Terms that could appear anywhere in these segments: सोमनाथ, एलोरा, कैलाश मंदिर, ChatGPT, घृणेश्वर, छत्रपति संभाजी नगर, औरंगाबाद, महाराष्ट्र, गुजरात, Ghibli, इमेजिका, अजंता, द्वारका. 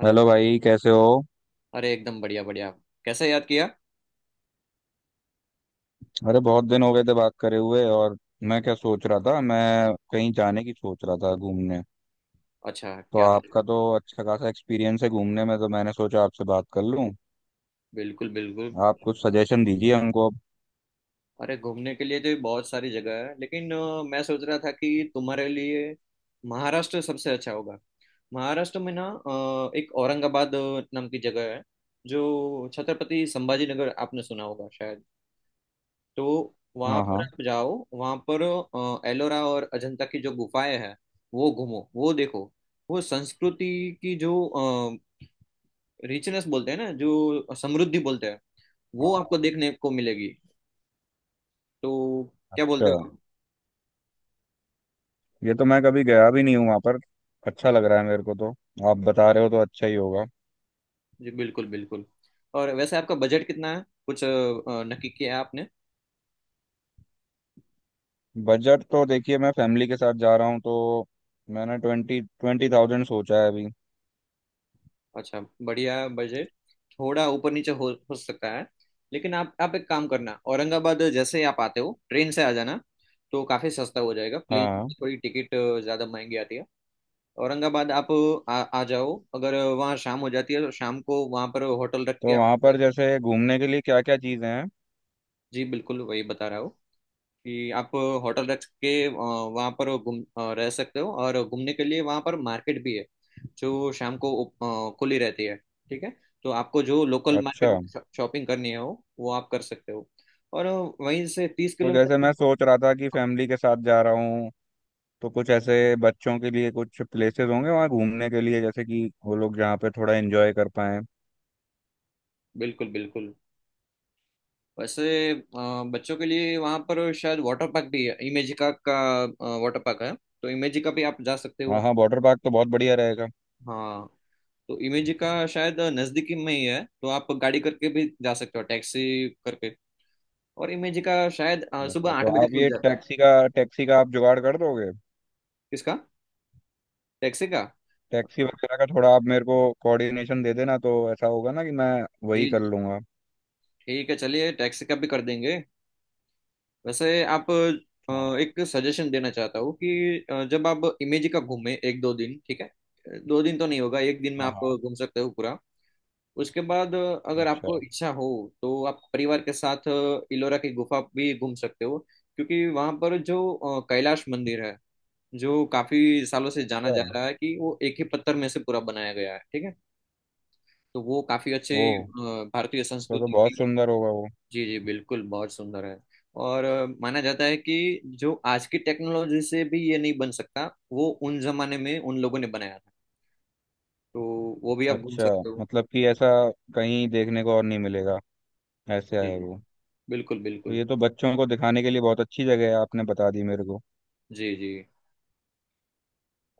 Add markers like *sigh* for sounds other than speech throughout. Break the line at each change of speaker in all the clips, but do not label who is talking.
Hello.
Hello भाई, कैसे हो?
अरे एकदम बढ़िया बढ़िया। कैसे याद किया।
अरे बहुत दिन हो गए थे बात करे हुए। और मैं क्या सोच रहा था, मैं कहीं जाने की सोच रहा था, घूमने।
अच्छा
तो
क्या।
आपका तो अच्छा खासा एक्सपीरियंस है घूमने में, तो मैंने सोचा आपसे बात कर लूं।
बिल्कुल बिल्कुल।
आप कुछ सजेशन दीजिए हमको अब।
अरे घूमने के लिए तो बहुत सारी जगह है लेकिन मैं सोच रहा था कि तुम्हारे लिए महाराष्ट्र सबसे अच्छा होगा। महाराष्ट्र में ना एक औरंगाबाद नाम की जगह है जो छत्रपति संभाजी नगर आपने सुना होगा शायद। तो वहाँ
हाँ
पर
हाँ।
आप जाओ, वहाँ पर एलोरा और अजंता की जो गुफाएं हैं वो घूमो वो देखो। वो संस्कृति की जो रिचनेस बोलते हैं ना, जो समृद्धि बोलते हैं वो आपको देखने को मिलेगी। तो क्या
अच्छा।
बोलते हो आप?
ये तो मैं कभी गया भी नहीं हूँ वहाँ पर। अच्छा लग रहा है मेरे को तो। आप बता रहे हो तो अच्छा ही होगा।
जी बिल्कुल बिल्कुल। और वैसे आपका बजट कितना है, कुछ नक्की किया है आपने?
बजट तो देखिए, मैं फैमिली के साथ जा रहा हूँ, तो मैंने ट्वेंटी ट्वेंटी थाउजेंड सोचा है अभी।
अच्छा, बढ़िया बजट। थोड़ा ऊपर नीचे हो सकता है। लेकिन आप एक काम करना, औरंगाबाद जैसे ही आप आते हो ट्रेन से आ जाना तो काफ़ी सस्ता हो जाएगा, प्लेन की
हाँ।
थोड़ी टिकट ज़्यादा महंगी आती है। औरंगाबाद आप आ जाओ, अगर वहाँ शाम हो जाती है तो शाम को वहाँ पर होटल रख के
तो
आप।
वहाँ पर जैसे घूमने के लिए क्या क्या चीज़ें हैं?
जी बिल्कुल वही बता रहा हूँ कि आप होटल रख के वहाँ पर रह सकते हो और घूमने के लिए वहाँ पर मार्केट भी है जो शाम को खुली रहती है। ठीक है। तो आपको जो लोकल
अच्छा।
मार्केट में शॉपिंग करनी है वो आप कर सकते हो। और वहीं से तीस
तो जैसे
किलोमीटर
मैं सोच रहा था कि फैमिली के साथ जा रहा हूँ, तो कुछ ऐसे बच्चों के लिए कुछ प्लेसेस होंगे वहाँ घूमने के लिए, जैसे कि वो लोग जहाँ पे थोड़ा एंजॉय कर पाएं।
बिल्कुल बिल्कुल। वैसे बच्चों के लिए वहाँ पर शायद वाटर पार्क भी है, इमेजिका का। वाटर पार्क है। तो इमेजिका भी आप जा सकते हो।
हाँ हाँ, वाटर पार्क तो बहुत बढ़िया रहेगा।
हाँ। तो इमेजिका शायद नज़दीकी में ही है, तो आप गाड़ी करके भी जा सकते हो, टैक्सी करके। और इमेज का शायद सुबह
अच्छा,
आठ
तो
बजे
आप
खुल
ये
जाता है।
टैक्सी का आप जुगाड़ कर दोगे?
किसका? टैक्सी का।
टैक्सी
अ,
वगैरह का थोड़ा आप मेरे को कोऑर्डिनेशन दे देना, तो ऐसा होगा ना कि मैं वही
जी
कर
जी।
लूँगा।
ठीक है, चलिए टैक्सी का भी कर देंगे। वैसे आप
हाँ
एक सजेशन देना चाहता हूँ कि जब आप इमेज का घूमें एक दो दिन, ठीक है। 2 दिन तो नहीं होगा, एक दिन में
हाँ
आप
हाँ।
घूम सकते हो पूरा। उसके बाद अगर
अच्छा
आपको इच्छा हो तो आप परिवार के साथ इलोरा की गुफा भी घूम सकते हो, क्योंकि वहां पर जो कैलाश मंदिर है, जो काफी सालों से जाना
अच्छा।
जा रहा है कि वो एक ही पत्थर में से पूरा बनाया गया है। ठीक है। तो वो काफी अच्छी
ओह,
भारतीय
तो
संस्कृति की।
बहुत सुंदर होगा वो।
जी जी बिल्कुल बहुत सुंदर है। और माना जाता है कि जो आज की टेक्नोलॉजी से भी ये नहीं बन सकता वो उन जमाने में उन लोगों ने बनाया था। तो वो भी आप घूम
अच्छा।
सकते हो।
मतलब कि ऐसा कहीं देखने को और नहीं मिलेगा, ऐसा
जी
है
जी
वो?
बिल्कुल
तो
बिल्कुल।
ये तो बच्चों को दिखाने के लिए बहुत अच्छी जगह है, आपने बता दी मेरे को।
जी जी।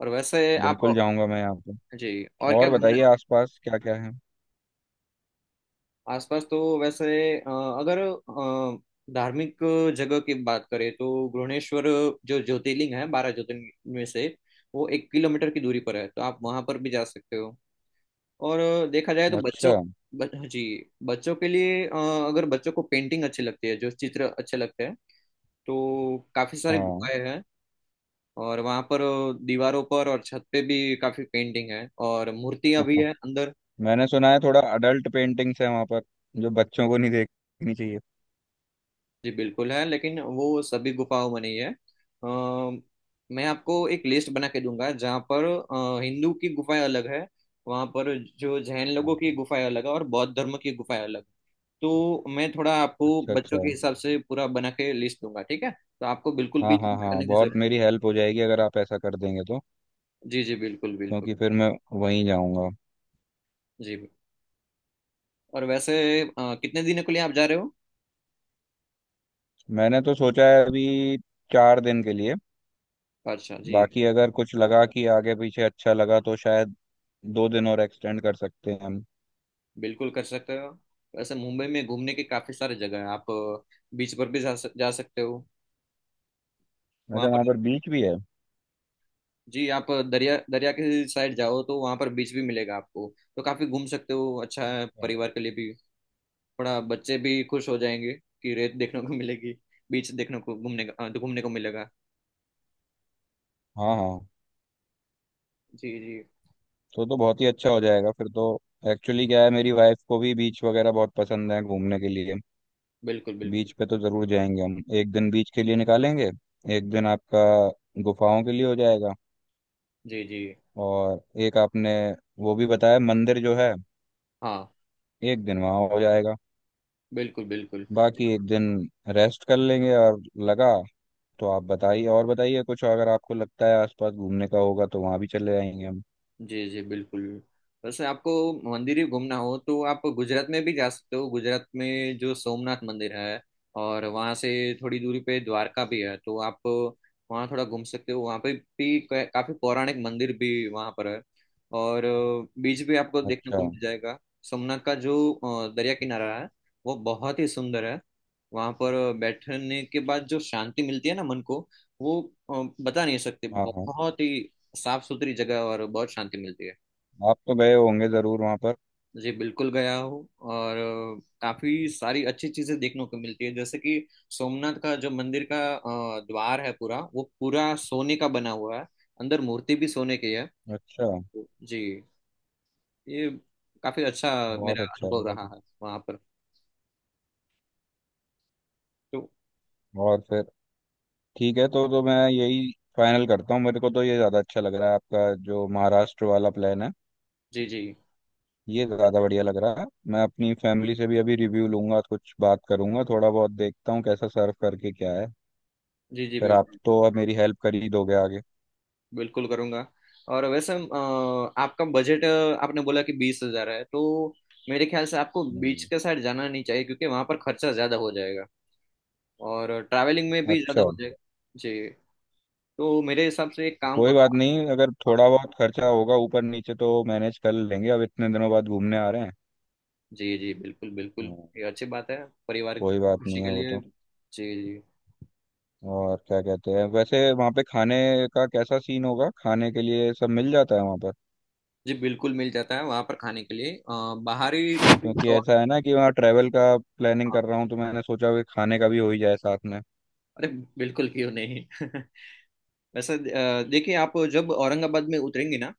और वैसे आप।
बिल्कुल जाऊंगा मैं यहाँ पे।
जी। और क्या
और
घूमना।
बताइए, आसपास क्या क्या है?
आसपास तो वैसे अ, अगर धार्मिक जगह की बात करें तो घृणेश्वर, जो ज्योतिर्लिंग है 12 ज्योतिर्लिंग में से, वो 1 किलोमीटर की दूरी पर है, तो आप वहां पर भी जा सकते हो। और देखा जाए तो बच्चों,
अच्छा।
जी बच्चों के लिए अगर बच्चों को पेंटिंग अच्छी लगती है, जो चित्र अच्छे लगते हैं, तो काफ़ी सारी
हाँ।
गुफाएं हैं। और वहाँ पर दीवारों पर और छत पे भी काफ़ी पेंटिंग है और मूर्तियाँ भी
*laughs*
हैं अंदर।
मैंने सुना है थोड़ा अडल्ट पेंटिंग्स है वहाँ पर, जो बच्चों को नहीं देखनी चाहिए।
जी बिल्कुल है, लेकिन वो सभी गुफाओं में नहीं है। अ, मैं आपको एक लिस्ट बना के दूंगा जहाँ पर हिंदू की गुफाएं अलग है, वहाँ पर जो जैन लोगों की गुफाएं अलग है, और बौद्ध धर्म की गुफाएं अलग है। तो मैं थोड़ा आपको
अच्छा अच्छा।
बच्चों के हिसाब से पूरा बना के लिस्ट दूंगा, ठीक है, तो आपको बिल्कुल
हाँ
भी
हाँ
चिंता
हाँ,
करने की
बहुत
जरूरत
मेरी हेल्प हो जाएगी अगर आप ऐसा कर देंगे तो।
नहीं। जी जी बिल्कुल बिल्कुल।
क्योंकि फिर मैं वहीं जाऊंगा।
जी। और वैसे कितने दिनों के लिए आप जा रहे हो?
मैंने तो सोचा है अभी 4 दिन के लिए।
अच्छा जी।
बाकी अगर कुछ लगा कि आगे पीछे अच्छा लगा तो शायद 2 दिन और एक्सटेंड कर सकते हैं हम।
बिल्कुल कर सकते हो। वैसे मुंबई में घूमने के काफी सारे जगह है, आप बीच पर भी जा सकते हो वहां
अच्छा,
पर।
वहाँ पर बीच भी है?
जी, आप दरिया दरिया के साइड जाओ तो वहां पर बीच भी मिलेगा आपको, तो काफी घूम सकते हो, अच्छा है
अच्छा।
परिवार के लिए भी। थोड़ा बच्चे भी खुश हो जाएंगे कि रेत देखने को मिलेगी, बीच देखने को, घूमने को मिलेगा।
हाँ हाँ,
जी जी
तो बहुत ही अच्छा हो जाएगा फिर तो। एक्चुअली क्या है, मेरी वाइफ को भी बीच वगैरह बहुत पसंद है घूमने के लिए।
बिल्कुल
बीच
बिल्कुल।
पे तो जरूर जाएंगे हम, एक दिन बीच के लिए निकालेंगे। एक दिन आपका गुफाओं के लिए हो जाएगा।
जी जी।
और एक आपने वो भी बताया मंदिर जो है,
हाँ
एक दिन वहाँ हो जाएगा।
बिल्कुल बिल्कुल।
बाकी एक दिन रेस्ट कर लेंगे, और लगा तो आप बताइए, और बताइए कुछ अगर आपको लगता है आसपास घूमने का होगा तो वहाँ भी चले जाएंगे हम।
जी जी बिल्कुल। वैसे आपको मंदिर ही घूमना हो तो आप गुजरात में भी जा सकते हो, गुजरात में जो सोमनाथ मंदिर है, और वहाँ से थोड़ी दूरी पे द्वारका भी है, तो आप वहाँ थोड़ा घूम सकते हो, वहाँ पे भी काफी पौराणिक मंदिर भी वहाँ पर है और बीच भी आपको देखने
अच्छा।
को मिल जाएगा। सोमनाथ का जो दरिया किनारा है वो बहुत ही सुंदर है। वहाँ पर बैठने के बाद जो शांति मिलती है ना मन को, वो बता नहीं सकते,
हाँ हाँ।
बहुत ही साफ सुथरी जगह और बहुत शांति मिलती है।
आप तो गए होंगे जरूर वहाँ पर।
जी बिल्कुल गया हूँ, और काफी सारी अच्छी चीजें देखने को मिलती है, जैसे कि सोमनाथ का जो मंदिर का द्वार है पूरा, वो पूरा सोने का बना हुआ है, अंदर मूर्ति भी सोने की है।
अच्छा।
जी। ये काफी अच्छा
बहुत
मेरा
अच्छा,
अनुभव
बहुत
रहा
अच्छा।
है वहां पर। तो
और फिर ठीक है, तो मैं यही फाइनल करता हूँ, मेरे को तो ये ज़्यादा अच्छा लग रहा है आपका जो महाराष्ट्र वाला प्लान है।
जी जी।
ये ज़्यादा बढ़िया लग रहा है। मैं अपनी फैमिली से भी अभी रिव्यू लूंगा, कुछ बात करूंगा, थोड़ा बहुत देखता हूँ कैसा सर्व करके क्या है।
जी जी
फिर आप
बिल्कुल
तो अब मेरी हेल्प कर ही दोगे आगे।
बिल्कुल करूंगा। और वैसे आपका बजट आपने बोला कि 20 हजार है, तो मेरे ख्याल से आपको बीच
हम्म।
के साइड जाना नहीं चाहिए क्योंकि वहां पर खर्चा ज्यादा हो जाएगा और ट्रैवलिंग में भी ज़्यादा
अच्छा।
हो जाएगा। जी। तो मेरे हिसाब से एक काम
कोई
करो
बात नहीं, अगर
आप।
थोड़ा बहुत खर्चा होगा ऊपर नीचे तो मैनेज कर लेंगे, अब इतने दिनों बाद घूमने आ रहे हैं।
जी जी बिल्कुल बिल्कुल।
हाँ,
ये अच्छी बात है, परिवार
कोई
की
बात
खुशी
नहीं
के
है वो
लिए।
तो।
जी जी।
और क्या कहते हैं वैसे वहाँ पे खाने का कैसा सीन होगा? खाने के लिए सब मिल जाता है वहाँ पर?
जी बिल्कुल मिल जाता है वहाँ पर खाने के लिए, बाहरी
क्योंकि
स्टॉल।
ऐसा है ना कि वहाँ ट्रैवल का प्लानिंग कर
हाँ
रहा हूँ, तो मैंने सोचा कि खाने का भी हो ही जाए साथ में।
अरे बिल्कुल क्यों नहीं *laughs* वैसे देखिए आप जब औरंगाबाद में उतरेंगे ना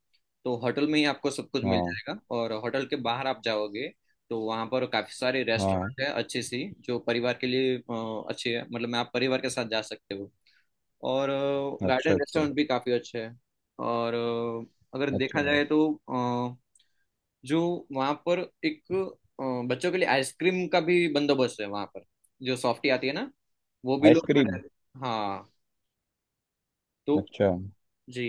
तो होटल में ही आपको सब कुछ मिल
हाँ
जाएगा, और होटल के बाहर आप जाओगे तो वहाँ पर काफ़ी सारे
हाँ।
रेस्टोरेंट है, अच्छी सी जो परिवार के लिए अच्छी है, मतलब, मैं आप परिवार के साथ जा सकते हो। और
अच्छा
गार्डन
अच्छा
रेस्टोरेंट भी काफ़ी अच्छे हैं। और अगर
अच्छा।
देखा जाए तो जो वहाँ पर एक बच्चों के लिए आइसक्रीम का भी बंदोबस्त है वहाँ पर, जो सॉफ्टी आती है ना, वो भी लोग खड़े।
आइसक्रीम।
हाँ। तो
अच्छा,
जी।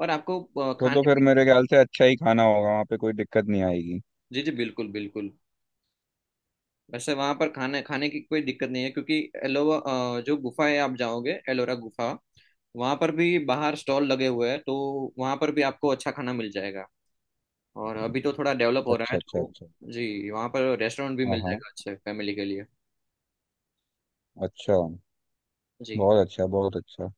और आपको
तो
खाने
फिर
में।
मेरे ख्याल से अच्छा ही खाना होगा वहाँ पे, कोई दिक्कत नहीं आएगी।
जी जी बिल्कुल बिल्कुल। वैसे वहाँ पर खाने खाने की कोई दिक्कत नहीं है, क्योंकि एलोवा जो गुफा है आप जाओगे एलोरा गुफा, वहाँ पर भी बाहर स्टॉल लगे हुए हैं तो वहाँ पर भी आपको अच्छा खाना मिल जाएगा। और अभी तो थोड़ा डेवलप हो रहा
अच्छा
है
अच्छा
तो
अच्छा।
जी वहाँ पर रेस्टोरेंट भी
हाँ
मिल
हाँ।
जाएगा अच्छे फैमिली के लिए।
अच्छा।
जी।
बहुत अच्छा बहुत अच्छा।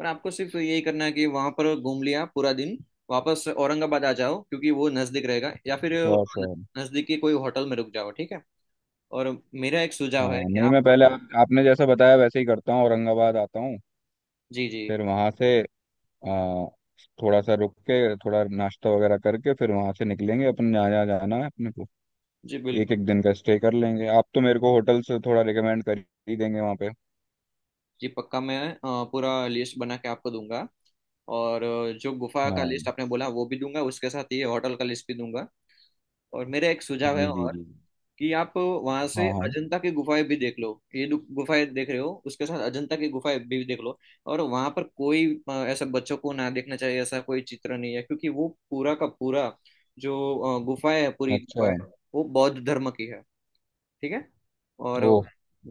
और आपको सिर्फ यही करना है कि वहाँ पर घूम लिया पूरा दिन, वापस औरंगाबाद आ जाओ क्योंकि वो नज़दीक रहेगा, या फिर
श्योर श्योर।
नज़दीकी कोई होटल में रुक जाओ। ठीक है। और मेरा एक सुझाव है
हाँ
कि
नहीं,
आप।
मैं पहले आपने जैसे बताया वैसे ही करता हूँ, औरंगाबाद आता हूँ,
जी जी
फिर वहाँ से आ, थोड़ा सा रुक के, थोड़ा नाश्ता वगैरह करके फिर वहां से निकलेंगे, अपन यहाँ यहाँ जाना है अपने को।
जी
एक
बिल्कुल।
एक दिन का स्टे कर लेंगे, आप तो मेरे को होटल से थोड़ा रिकमेंड कर ही देंगे वहाँ पे।
जी पक्का मैं पूरा लिस्ट बना के आपको दूंगा, और जो गुफा का
हाँ।
लिस्ट आपने बोला वो भी दूंगा, उसके साथ ये होटल का लिस्ट भी दूंगा। और मेरा एक सुझाव है
जी जी जी।
कि आप वहां से
हाँ हाँ।
अजंता की गुफाएं भी देख लो, ये गुफाएं देख रहे हो उसके साथ अजंता की गुफाएं भी देख लो। और वहां पर कोई ऐसा बच्चों को ना देखना चाहिए ऐसा कोई चित्र नहीं है, क्योंकि वो पूरा का पूरा जो गुफाएं है, पूरी
अच्छा।
गुफाएं वो बौद्ध धर्म की है। ठीक है। और
ओह।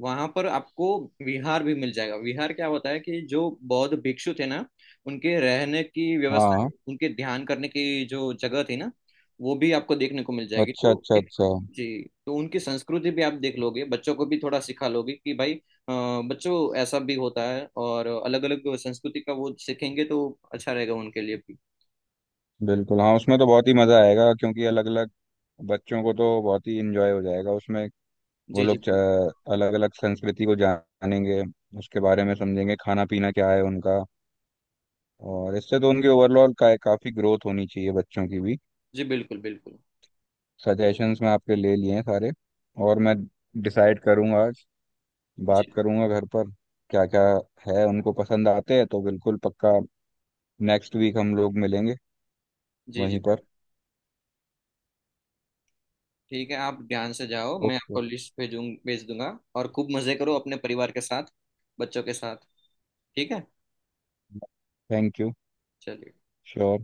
वहां पर आपको विहार भी मिल जाएगा। विहार क्या होता है कि जो बौद्ध भिक्षु थे ना, उनके रहने की
हाँ
व्यवस्था,
हाँ।
उनके ध्यान करने की जो जगह थी ना, वो भी आपको देखने को मिल जाएगी,
अच्छा
तो
अच्छा
एक।
अच्छा।
जी। तो उनकी संस्कृति भी आप देख लोगे, बच्चों को भी थोड़ा सिखा लोगे कि भाई बच्चों ऐसा भी होता है, और अलग अलग संस्कृति का वो सीखेंगे तो अच्छा रहेगा उनके लिए भी।
बिल्कुल हाँ, उसमें तो बहुत ही मज़ा आएगा क्योंकि अलग अलग, बच्चों को तो बहुत ही इंजॉय हो जाएगा उसमें। वो
जी जी
लोग अलग अलग संस्कृति को जानेंगे, उसके बारे में समझेंगे खाना पीना क्या है उनका। और इससे तो उनकी ओवरऑल का काफ़ी ग्रोथ होनी चाहिए बच्चों की भी।
जी बिल्कुल बिल्कुल।
सजेशंस मैं आपके ले लिए हैं सारे, और मैं डिसाइड करूंगा आज, बात
जी
करूंगा घर पर, क्या क्या है उनको पसंद आते हैं तो बिल्कुल पक्का नेक्स्ट वीक हम लोग मिलेंगे
जी जी
वहीं
बिल्कुल।
पर।
ठीक है आप ध्यान से जाओ, मैं
ओके।
आपको लिस्ट भेज दूंगा और खूब मजे करो अपने परिवार के साथ बच्चों के साथ। ठीक है
थैंक यू।
चलिए।
श्योर।